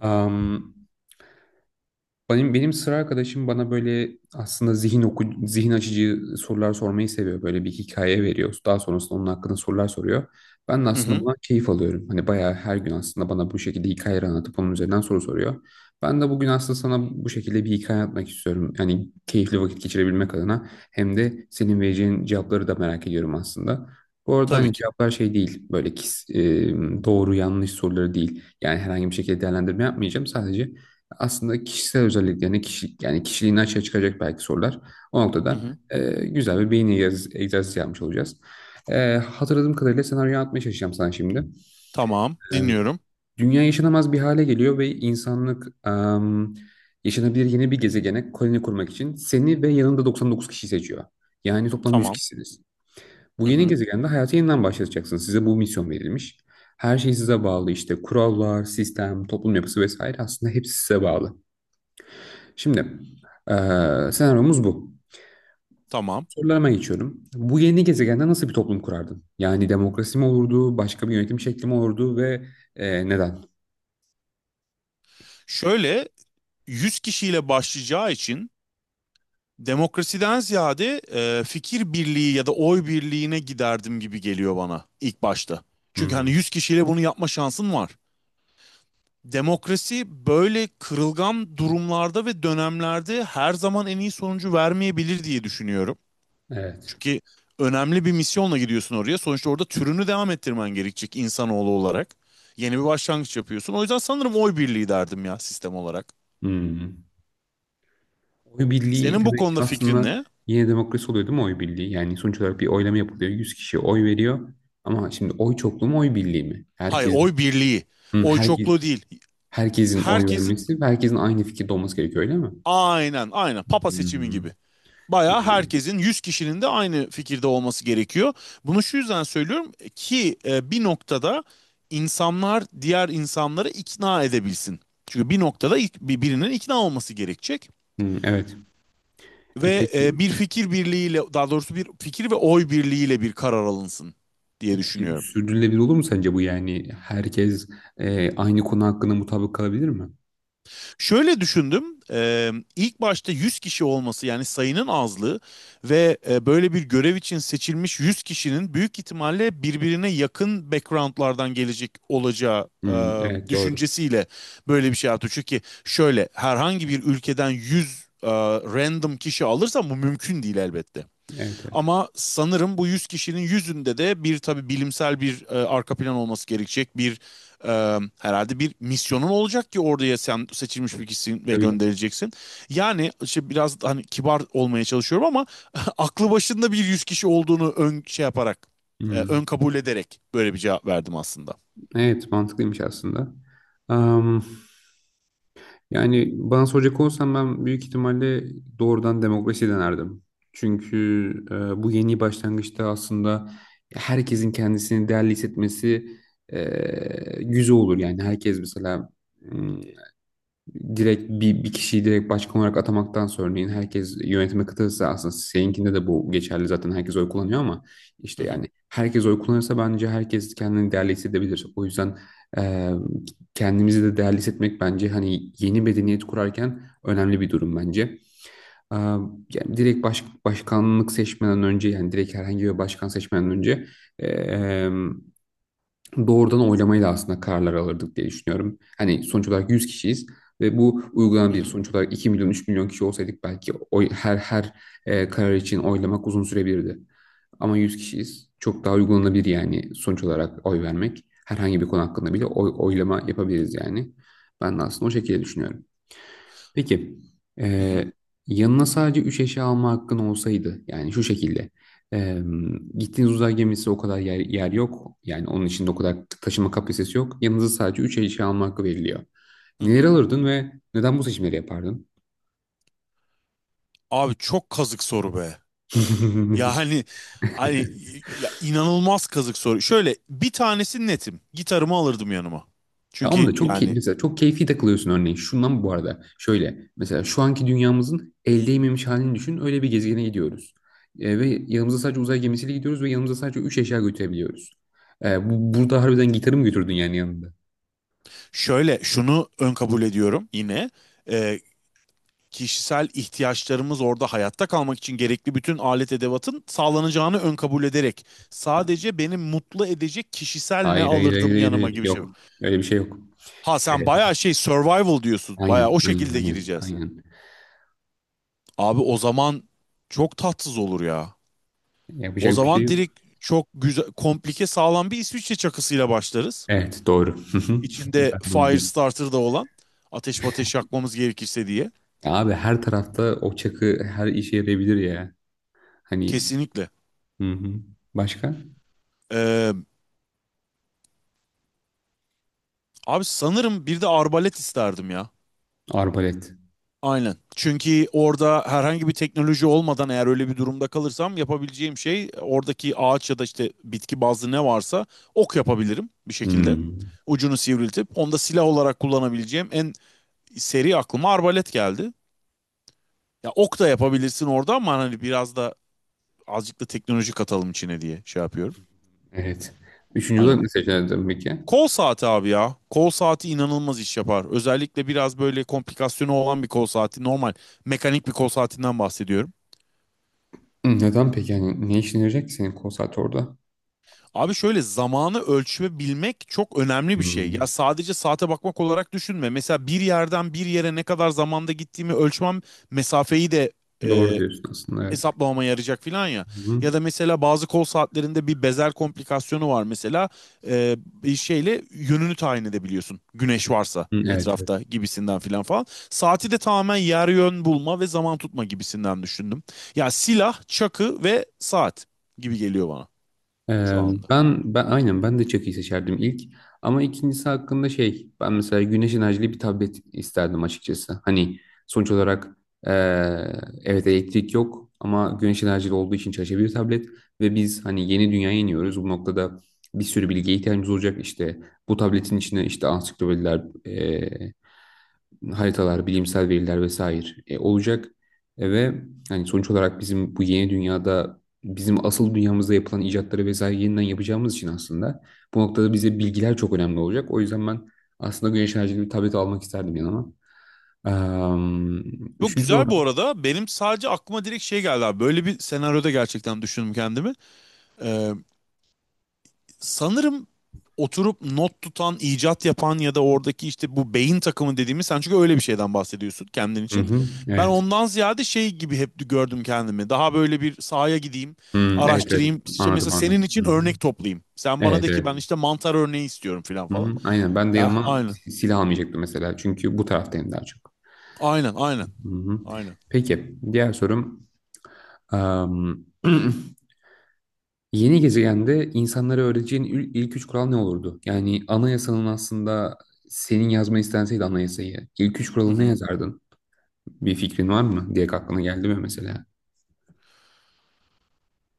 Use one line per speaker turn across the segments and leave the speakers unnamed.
Am, benim benim sıra arkadaşım bana böyle aslında zihin açıcı sorular sormayı seviyor. Böyle bir hikaye veriyor. Daha sonrasında onun hakkında sorular soruyor. Ben de
Hı
aslında
hı.
buna keyif alıyorum. Hani bayağı her gün aslında bana bu şekilde hikayeler anlatıp onun üzerinden soru soruyor. Ben de bugün aslında sana bu şekilde bir hikaye anlatmak istiyorum. Yani keyifli vakit geçirebilmek adına hem de senin vereceğin cevapları da merak ediyorum aslında. Bu arada
Tabii
hani
ki.
cevaplar şey değil böyle doğru yanlış soruları değil. Yani herhangi bir şekilde değerlendirme yapmayacağım. Sadece aslında kişisel özelliklerini, yani kişiliğini açığa çıkacak belki sorular. O
Hı
noktada
hı.
güzel bir beyin egzersizi yapmış olacağız. Hatırladığım kadarıyla senaryoyu anlatmaya çalışacağım sana şimdi.
Tamam.
E,
Dinliyorum.
dünya yaşanamaz bir hale geliyor ve insanlık yaşanabilir yeni bir gezegene koloni kurmak için seni ve yanında 99 kişi seçiyor. Yani toplam 100
Tamam.
kişisiniz. Bu
Hı
yeni
hı.
gezegende hayatı yeniden başlatacaksınız. Size bu misyon verilmiş. Her şey size bağlı işte kurallar, sistem, toplum yapısı vesaire aslında hepsi size bağlı. Şimdi senaryomuz bu.
Tamam.
Sorularıma geçiyorum. Bu yeni gezegende nasıl bir toplum kurardın? Yani demokrasi mi olurdu, başka bir yönetim şekli mi olurdu ve neden?
Şöyle 100 kişiyle başlayacağı için demokrasiden ziyade fikir birliği ya da oy birliğine giderdim gibi geliyor bana ilk başta. Çünkü hani
Hmm,
100 kişiyle bunu yapma şansın var. Demokrasi böyle kırılgan durumlarda ve dönemlerde her zaman en iyi sonucu vermeyebilir diye düşünüyorum.
evet.
Çünkü önemli bir misyonla gidiyorsun oraya. Sonuçta orada türünü devam ettirmen gerekecek insanoğlu olarak. Yeni bir başlangıç yapıyorsun. O yüzden sanırım oy birliği derdim ya sistem olarak.
Hmm. Oy birliği
Senin bu
demek ki
konuda fikrin
aslında
ne?
yine demokrasi oluyor değil mi oy birliği? Yani sonuç olarak bir oylama yapılıyor. 100 kişi oy veriyor. Ama şimdi oy çokluğu mu oy birliği mi?
Hayır, oy birliği.
Hmm,
Oy
herkes,
çokluğu değil.
herkesin oy
Herkesin
vermesi ve herkesin aynı fikirde olması gerekiyor öyle mi?
aynen aynen papa seçimi
Hmm,
gibi. Bayağı
yani,
herkesin 100 kişinin de aynı fikirde olması gerekiyor. Bunu şu yüzden söylüyorum ki bir noktada insanlar diğer insanları ikna edebilsin. Çünkü bir noktada birinin ikna olması gerekecek.
hmm, evet. E,
Ve
peki.
bir fikir birliğiyle daha doğrusu bir fikir ve oy birliğiyle bir karar alınsın
E,
diye
Peki
düşünüyorum.
sürdürülebilir olur mu sence bu yani? Herkes aynı konu hakkında mutabık kalabilir mi?
Şöyle düşündüm. İlk başta 100 kişi olması yani sayının azlığı ve böyle bir görev için seçilmiş 100 kişinin büyük ihtimalle birbirine yakın backgroundlardan gelecek olacağı
Hmm, evet doğru.
düşüncesiyle böyle bir şey yaptı. Çünkü şöyle herhangi bir ülkeden 100 random kişi alırsan bu mümkün değil elbette.
Evet evet.
Ama sanırım bu 100 kişinin yüzünde de bir tabii bilimsel bir arka plan olması gerekecek. Bir herhalde bir misyonun olacak ki oraya sen seçilmiş bir kişisin ve
Tabii.
gönderileceksin. Yani işte biraz hani kibar olmaya çalışıyorum ama aklı başında bir 100 kişi olduğunu ön şey yaparak
Hmm,
ön kabul ederek böyle bir cevap verdim aslında.
evet mantıklıymış aslında. Am, yani bana soracak olsam ben büyük ihtimalle doğrudan demokrasi denerdim. Çünkü bu yeni başlangıçta aslında herkesin kendisini değerli hissetmesi güzel olur. Yani herkes mesela hmm, direkt bir kişiyi direkt başkan olarak atamaktansa örneğin herkes yönetime katılırsa aslında seninkinde de bu geçerli zaten herkes oy kullanıyor ama
Hı
işte
hı
yani herkes oy kullanırsa bence herkes kendini değerli hissedebilir. O yüzden e, kendimizi de değerli hissetmek bence hani yeni medeniyet kurarken önemli bir durum bence. Yani başkanlık seçmeden önce yani direkt herhangi bir başkan seçmeden önce e, doğrudan oylamayla aslında kararlar alırdık diye düşünüyorum. Hani sonuç olarak 100 kişiyiz ve bu
hı
uygulanabilir.
hı
Sonuç olarak 2 milyon 3 milyon kişi olsaydık belki her karar için oylamak uzun sürebilirdi. Ama 100 kişiyiz. Çok daha uygulanabilir yani sonuç olarak oy vermek. Herhangi bir konu hakkında bile oylama yapabiliriz yani. Ben de aslında o şekilde düşünüyorum. Peki,
hı hı.
eee, yanına sadece 3 eşya alma hakkın olsaydı, yani şu şekilde, eee, gittiğiniz uzay gemisi o kadar yer yok, yani onun içinde o kadar taşıma kapasitesi yok, yanınıza sadece 3 eşya alma hakkı veriliyor.
Hı
Neleri
hı.
alırdın ve neden bu seçimleri yapardın?
Abi çok kazık soru be. Ya hani ya inanılmaz kazık soru. Şöyle bir tanesi netim. Gitarımı alırdım yanıma.
Tamam
Çünkü
da çok
yani
mesela çok keyfi takılıyorsun örneğin. Şundan bu arada şöyle mesela şu anki dünyamızın el değmemiş halini düşün. Öyle bir gezegene gidiyoruz. Ve yanımıza sadece uzay gemisiyle gidiyoruz ve yanımıza sadece 3 eşya götürebiliyoruz. Burada harbiden gitarı mı götürdün yani yanında?
şöyle şunu ön kabul ediyorum yine. Ee, Kişisel ihtiyaçlarımız orada hayatta kalmak için gerekli bütün alet edevatın sağlanacağını ön kabul ederek sadece beni mutlu edecek kişisel ne
Hayır hayır hayır
alırdım
hayır,
yanıma
hayır.
gibi şey.
Yok. Öyle bir şey yok.
Ha sen
Evet.
bayağı şey survival diyorsun. Bayağı
Aynen
o
aynen
şekilde
aynen
gireceğiz.
aynen.
Abi o zaman çok tatsız olur ya. O
Yapacak bir şey
zaman
yok.
direkt çok güzel, komplike sağlam bir İsviçre çakısıyla başlarız.
Evet doğru.
İçinde
Ben bunu diyeyim.
Firestarter da olan ateş yakmamız gerekirse diye.
Ya abi her tarafta o çakı her işe yarayabilir ya. Hani
Kesinlikle.
hı hı. Başka?
Ee, Abi sanırım bir de arbalet isterdim ya.
Arbalet.
Aynen. Çünkü orada herhangi bir teknoloji olmadan eğer öyle bir durumda kalırsam yapabileceğim şey oradaki ağaç ya da işte bitki bazlı ne varsa ok yapabilirim bir şekilde.
Hmm,
Ucunu sivriltip onu da silah olarak kullanabileceğim en seri aklıma arbalet geldi. Ya ok da yapabilirsin orada ama hani biraz da azıcık da teknoloji katalım içine diye şey yapıyorum.
evet. Üçüncü
Hani
olarak ne seçerdin peki?
kol saati abi ya. Kol saati inanılmaz iş yapar. Özellikle biraz böyle komplikasyonu olan bir kol saati. Normal mekanik bir kol saatinden bahsediyorum.
Hı, neden peki? Yani ne işine yarayacak ki senin konsert orada?
Abi şöyle zamanı ölçebilmek çok önemli bir şey. Ya
Hmm,
sadece saate bakmak olarak düşünme. Mesela bir yerden bir yere ne kadar zamanda gittiğimi ölçmem mesafeyi de
doğru
e,
diyorsun aslında evet.
hesaplamama yarayacak filan ya.
Hı-hı.
Ya da mesela bazı kol saatlerinde bir bezel komplikasyonu var mesela. Ee, Bir şeyle yönünü tayin edebiliyorsun. Güneş varsa
Evet evet.
etrafta gibisinden filan falan. Saati de tamamen yer yön bulma ve zaman tutma gibisinden düşündüm. Ya silah, çakı ve saat gibi geliyor bana şu
Ee,
anda.
ben aynen ben de çakıyı seçerdim ilk ama ikincisi hakkında şey ben mesela güneş enerjili bir tablet isterdim açıkçası. Hani sonuç olarak ee, evet elektrik yok ama güneş enerjili olduğu için çalışabilir bir tablet ve biz hani yeni dünyaya iniyoruz. Bu noktada bir sürü bilgiye ihtiyacımız olacak işte bu tabletin içine işte ansiklopediler haritalar, bilimsel veriler vesaire olacak. Ve hani sonuç olarak bizim bu yeni dünyada bizim asıl dünyamızda yapılan icatları vesaire yeniden yapacağımız için aslında bu noktada bize bilgiler çok önemli olacak. O yüzden ben aslında güneş enerjili bir tablet almak isterdim yanıma. Am,
Yok
üçüncü
güzel
olarak.
bu arada. Benim sadece aklıma direkt şey geldi abi. Böyle bir senaryoda gerçekten düşündüm kendimi. Sanırım oturup not tutan, icat yapan ya da oradaki işte bu beyin takımı dediğimiz sen çünkü öyle bir şeyden bahsediyorsun kendin
Hı
için.
hı,
Ben
evet.
ondan ziyade şey gibi hep gördüm kendimi. Daha böyle bir sahaya gideyim,
Hı, evet evet
araştırayım. İşte mesela
anladım
senin
anladım. Hı
için
hı.
örnek toplayayım. Sen bana
Evet
de ki
evet.
ben işte mantar örneği istiyorum falan
Hı
falan.
hı, aynen ben de
Ya,
yanıma
aynen.
silah almayacaktım mesela çünkü bu taraftayım daha çok.
Aynen, aynen.
Hı hı.
Aynen.
Peki diğer sorum. Am, Yeni gezegende insanlara öğreteceğin ilk üç kural ne olurdu? Yani anayasanın aslında senin yazmayı istenseydi anayasayı ilk üç
Hı
kuralı ne
hı.
yazardın? Bir fikrin var mı? Diye aklına geldi mi mesela?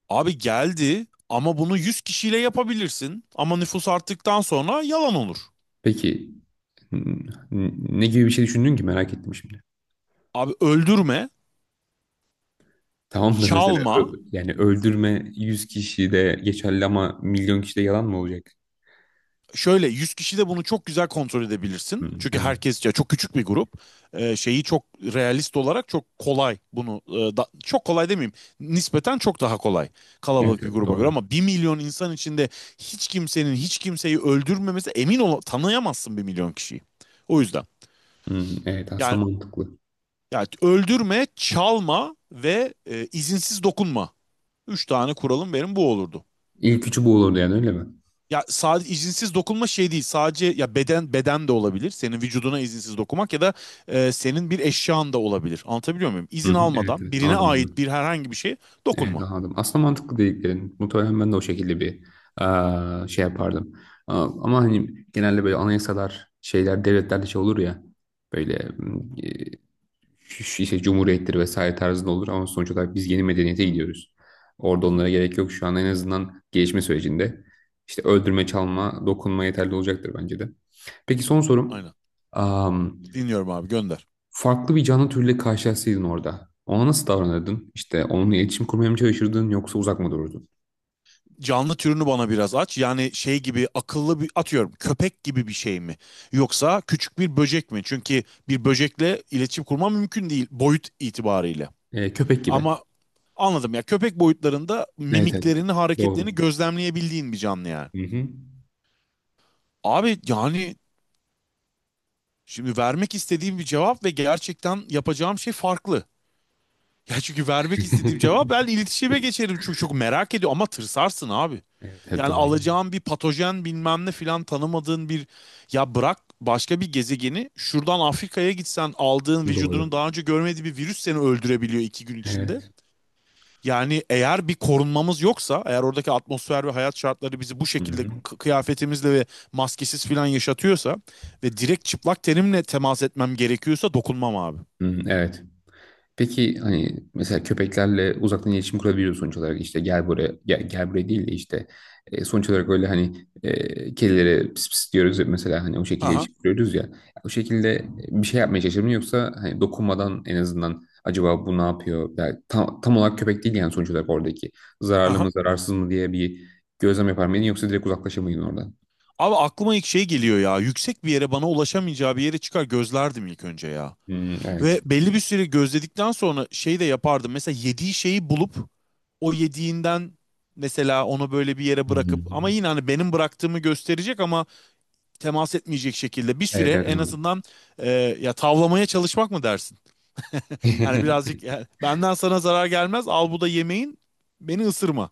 Abi geldi ama bunu 100 kişiyle yapabilirsin. Ama nüfus arttıktan sonra yalan olur.
Peki ne gibi bir şey düşündün ki merak ettim şimdi.
Abi öldürme,
Tamam da mesela
çalma,
yani öldürme 100 kişi de geçerli ama milyon kişi de yalan mı olacak?
şöyle 100 kişi de bunu çok güzel kontrol edebilirsin.
Hmm,
Çünkü
evet.
herkes ya çok küçük bir grup. Şeyi çok realist olarak çok kolay bunu çok kolay demeyeyim. Nispeten çok daha kolay
Evet
kalabalık bir
evet
gruba göre
doğru.
ama 1 milyon insan içinde hiç kimsenin hiç kimseyi öldürmemesi emin ol tanıyamazsın 1 milyon kişiyi. O yüzden
Hmm, evet
yani,
aslında mantıklı.
yani, öldürme, çalma ve izinsiz dokunma. Üç tane kuralım benim bu olurdu.
İlk üçü bu olurdu yani öyle mi?
Ya sadece izinsiz dokunma şey değil. Sadece ya beden de olabilir. Senin vücuduna izinsiz dokunmak ya da senin bir eşyan da olabilir. Anlatabiliyor muyum?
Hı
İzin
hı, evet
almadan
evet
birine
anladım
ait
anladım.
bir herhangi bir şeye
Evet
dokunma.
anladım. Aslında mantıklı dediklerin. Muhtemelen ben de o şekilde bir şey yapardım. Ama hani genelde böyle anayasalar, şeyler, devletlerde şey olur ya. Böyle mm, e, şu- şu işte cumhuriyettir vesaire tarzında olur. Ama sonuç olarak biz yeni medeniyete gidiyoruz.
Hı
Orada
hı.
onlara gerek yok. Şu an en azından gelişme sürecinde. İşte öldürme, çalma, dokunma yeterli olacaktır bence de. Peki son sorum
Aynen. Dinliyorum abi gönder.
farklı bir canlı türüyle karşılaşsaydın orada. Ona nasıl davranırdın? İşte onunla iletişim kurmaya mı çalışırdın yoksa uzak mı dururdun?
Canlı türünü bana biraz aç. Yani şey gibi akıllı bir atıyorum köpek gibi bir şey mi? Yoksa küçük bir böcek mi? Çünkü bir böcekle iletişim kurma mümkün değil boyut itibariyle.
Köpek gibi.
Ama anladım ya köpek boyutlarında
Evet evet.
mimiklerini, hareketlerini
Doğru.
gözlemleyebildiğin bir canlı yani.
Hı hı.
Abi yani şimdi vermek istediğim bir cevap ve gerçekten yapacağım şey farklı. Ya çünkü vermek istediğim cevap ben iletişime geçerim çünkü çok merak ediyor ama tırsarsın abi.
Evet, evet
Yani
doğru.
alacağın bir patojen bilmem ne filan tanımadığın bir ya bırak başka bir gezegeni şuradan Afrika'ya gitsen aldığın
Doğru.
vücudunun daha önce görmediği bir virüs seni öldürebiliyor 2 gün içinde.
Evet.
Yani eğer bir korunmamız yoksa, eğer oradaki atmosfer ve hayat şartları bizi bu
Hı
şekilde
hı.
kıyafetimizle ve maskesiz falan yaşatıyorsa ve direkt çıplak tenimle temas etmem gerekiyorsa dokunmam abi.
Hı, evet. Peki hani mesela köpeklerle uzaktan iletişim kurabiliyoruz sonuç olarak işte gel buraya gel, gel buraya değil de işte sonuç olarak öyle hani kedilere pis pis diyoruz ya mesela hani o şekilde
Aha,
iletişim kuruyoruz ya o şekilde bir şey yapmaya çalışır mı yoksa hani dokunmadan en azından acaba bu ne yapıyor yani tam olarak köpek değil yani sonuç olarak oradaki zararlı
aha.
mı zararsız mı diye bir gözlem yapar mıydın yoksa direkt uzaklaşır mıydın oradan?
Abi aklıma ilk şey geliyor ya. Yüksek bir yere bana ulaşamayacağı bir yere çıkar gözlerdim ilk önce ya.
Hmm, evet.
Ve belli bir süre gözledikten sonra şey de yapardım. Mesela yediği şeyi bulup o yediğinden mesela onu böyle bir yere bırakıp ama
Hmm.
yine hani benim bıraktığımı gösterecek ama temas etmeyecek şekilde bir
Evet
süre
evet
en
anladım.
azından e, ya tavlamaya çalışmak mı dersin? Yani birazcık ya, benden sana zarar gelmez al bu da yemeğin beni ısırma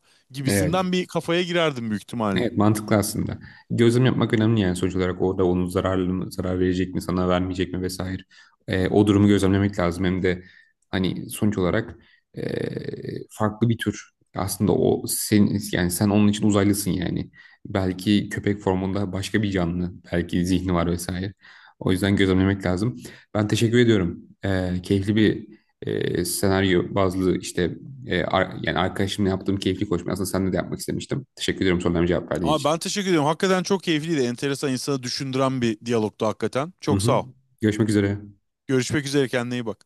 Evet.
gibisinden bir kafaya girerdim büyük ihtimalle.
Evet mantıklı aslında. Gözlem yapmak önemli yani sonuç olarak orada onun zararlı mı, zarar verecek mi, sana vermeyecek mi vesaire. O durumu gözlemlemek lazım. Hem de hani sonuç olarak farklı bir tür. Aslında o sen yani sen onun için uzaylısın yani. Belki köpek formunda başka bir canlı, belki zihni var vesaire. O yüzden gözlemlemek lazım. Ben teşekkür ediyorum. Keyifli bir senaryo bazlı işte yani arkadaşımla yaptığım keyifli koşma. Aslında seninle de yapmak istemiştim. Teşekkür ediyorum sorularıma cevap verdiğin
Ama
için.
ben teşekkür ediyorum. Hakikaten çok keyifliydi. Enteresan insanı düşündüren bir diyalogtu hakikaten.
Hı
Çok
hı.
sağ ol.
Görüşmek üzere.
Görüşmek üzere kendine iyi bak.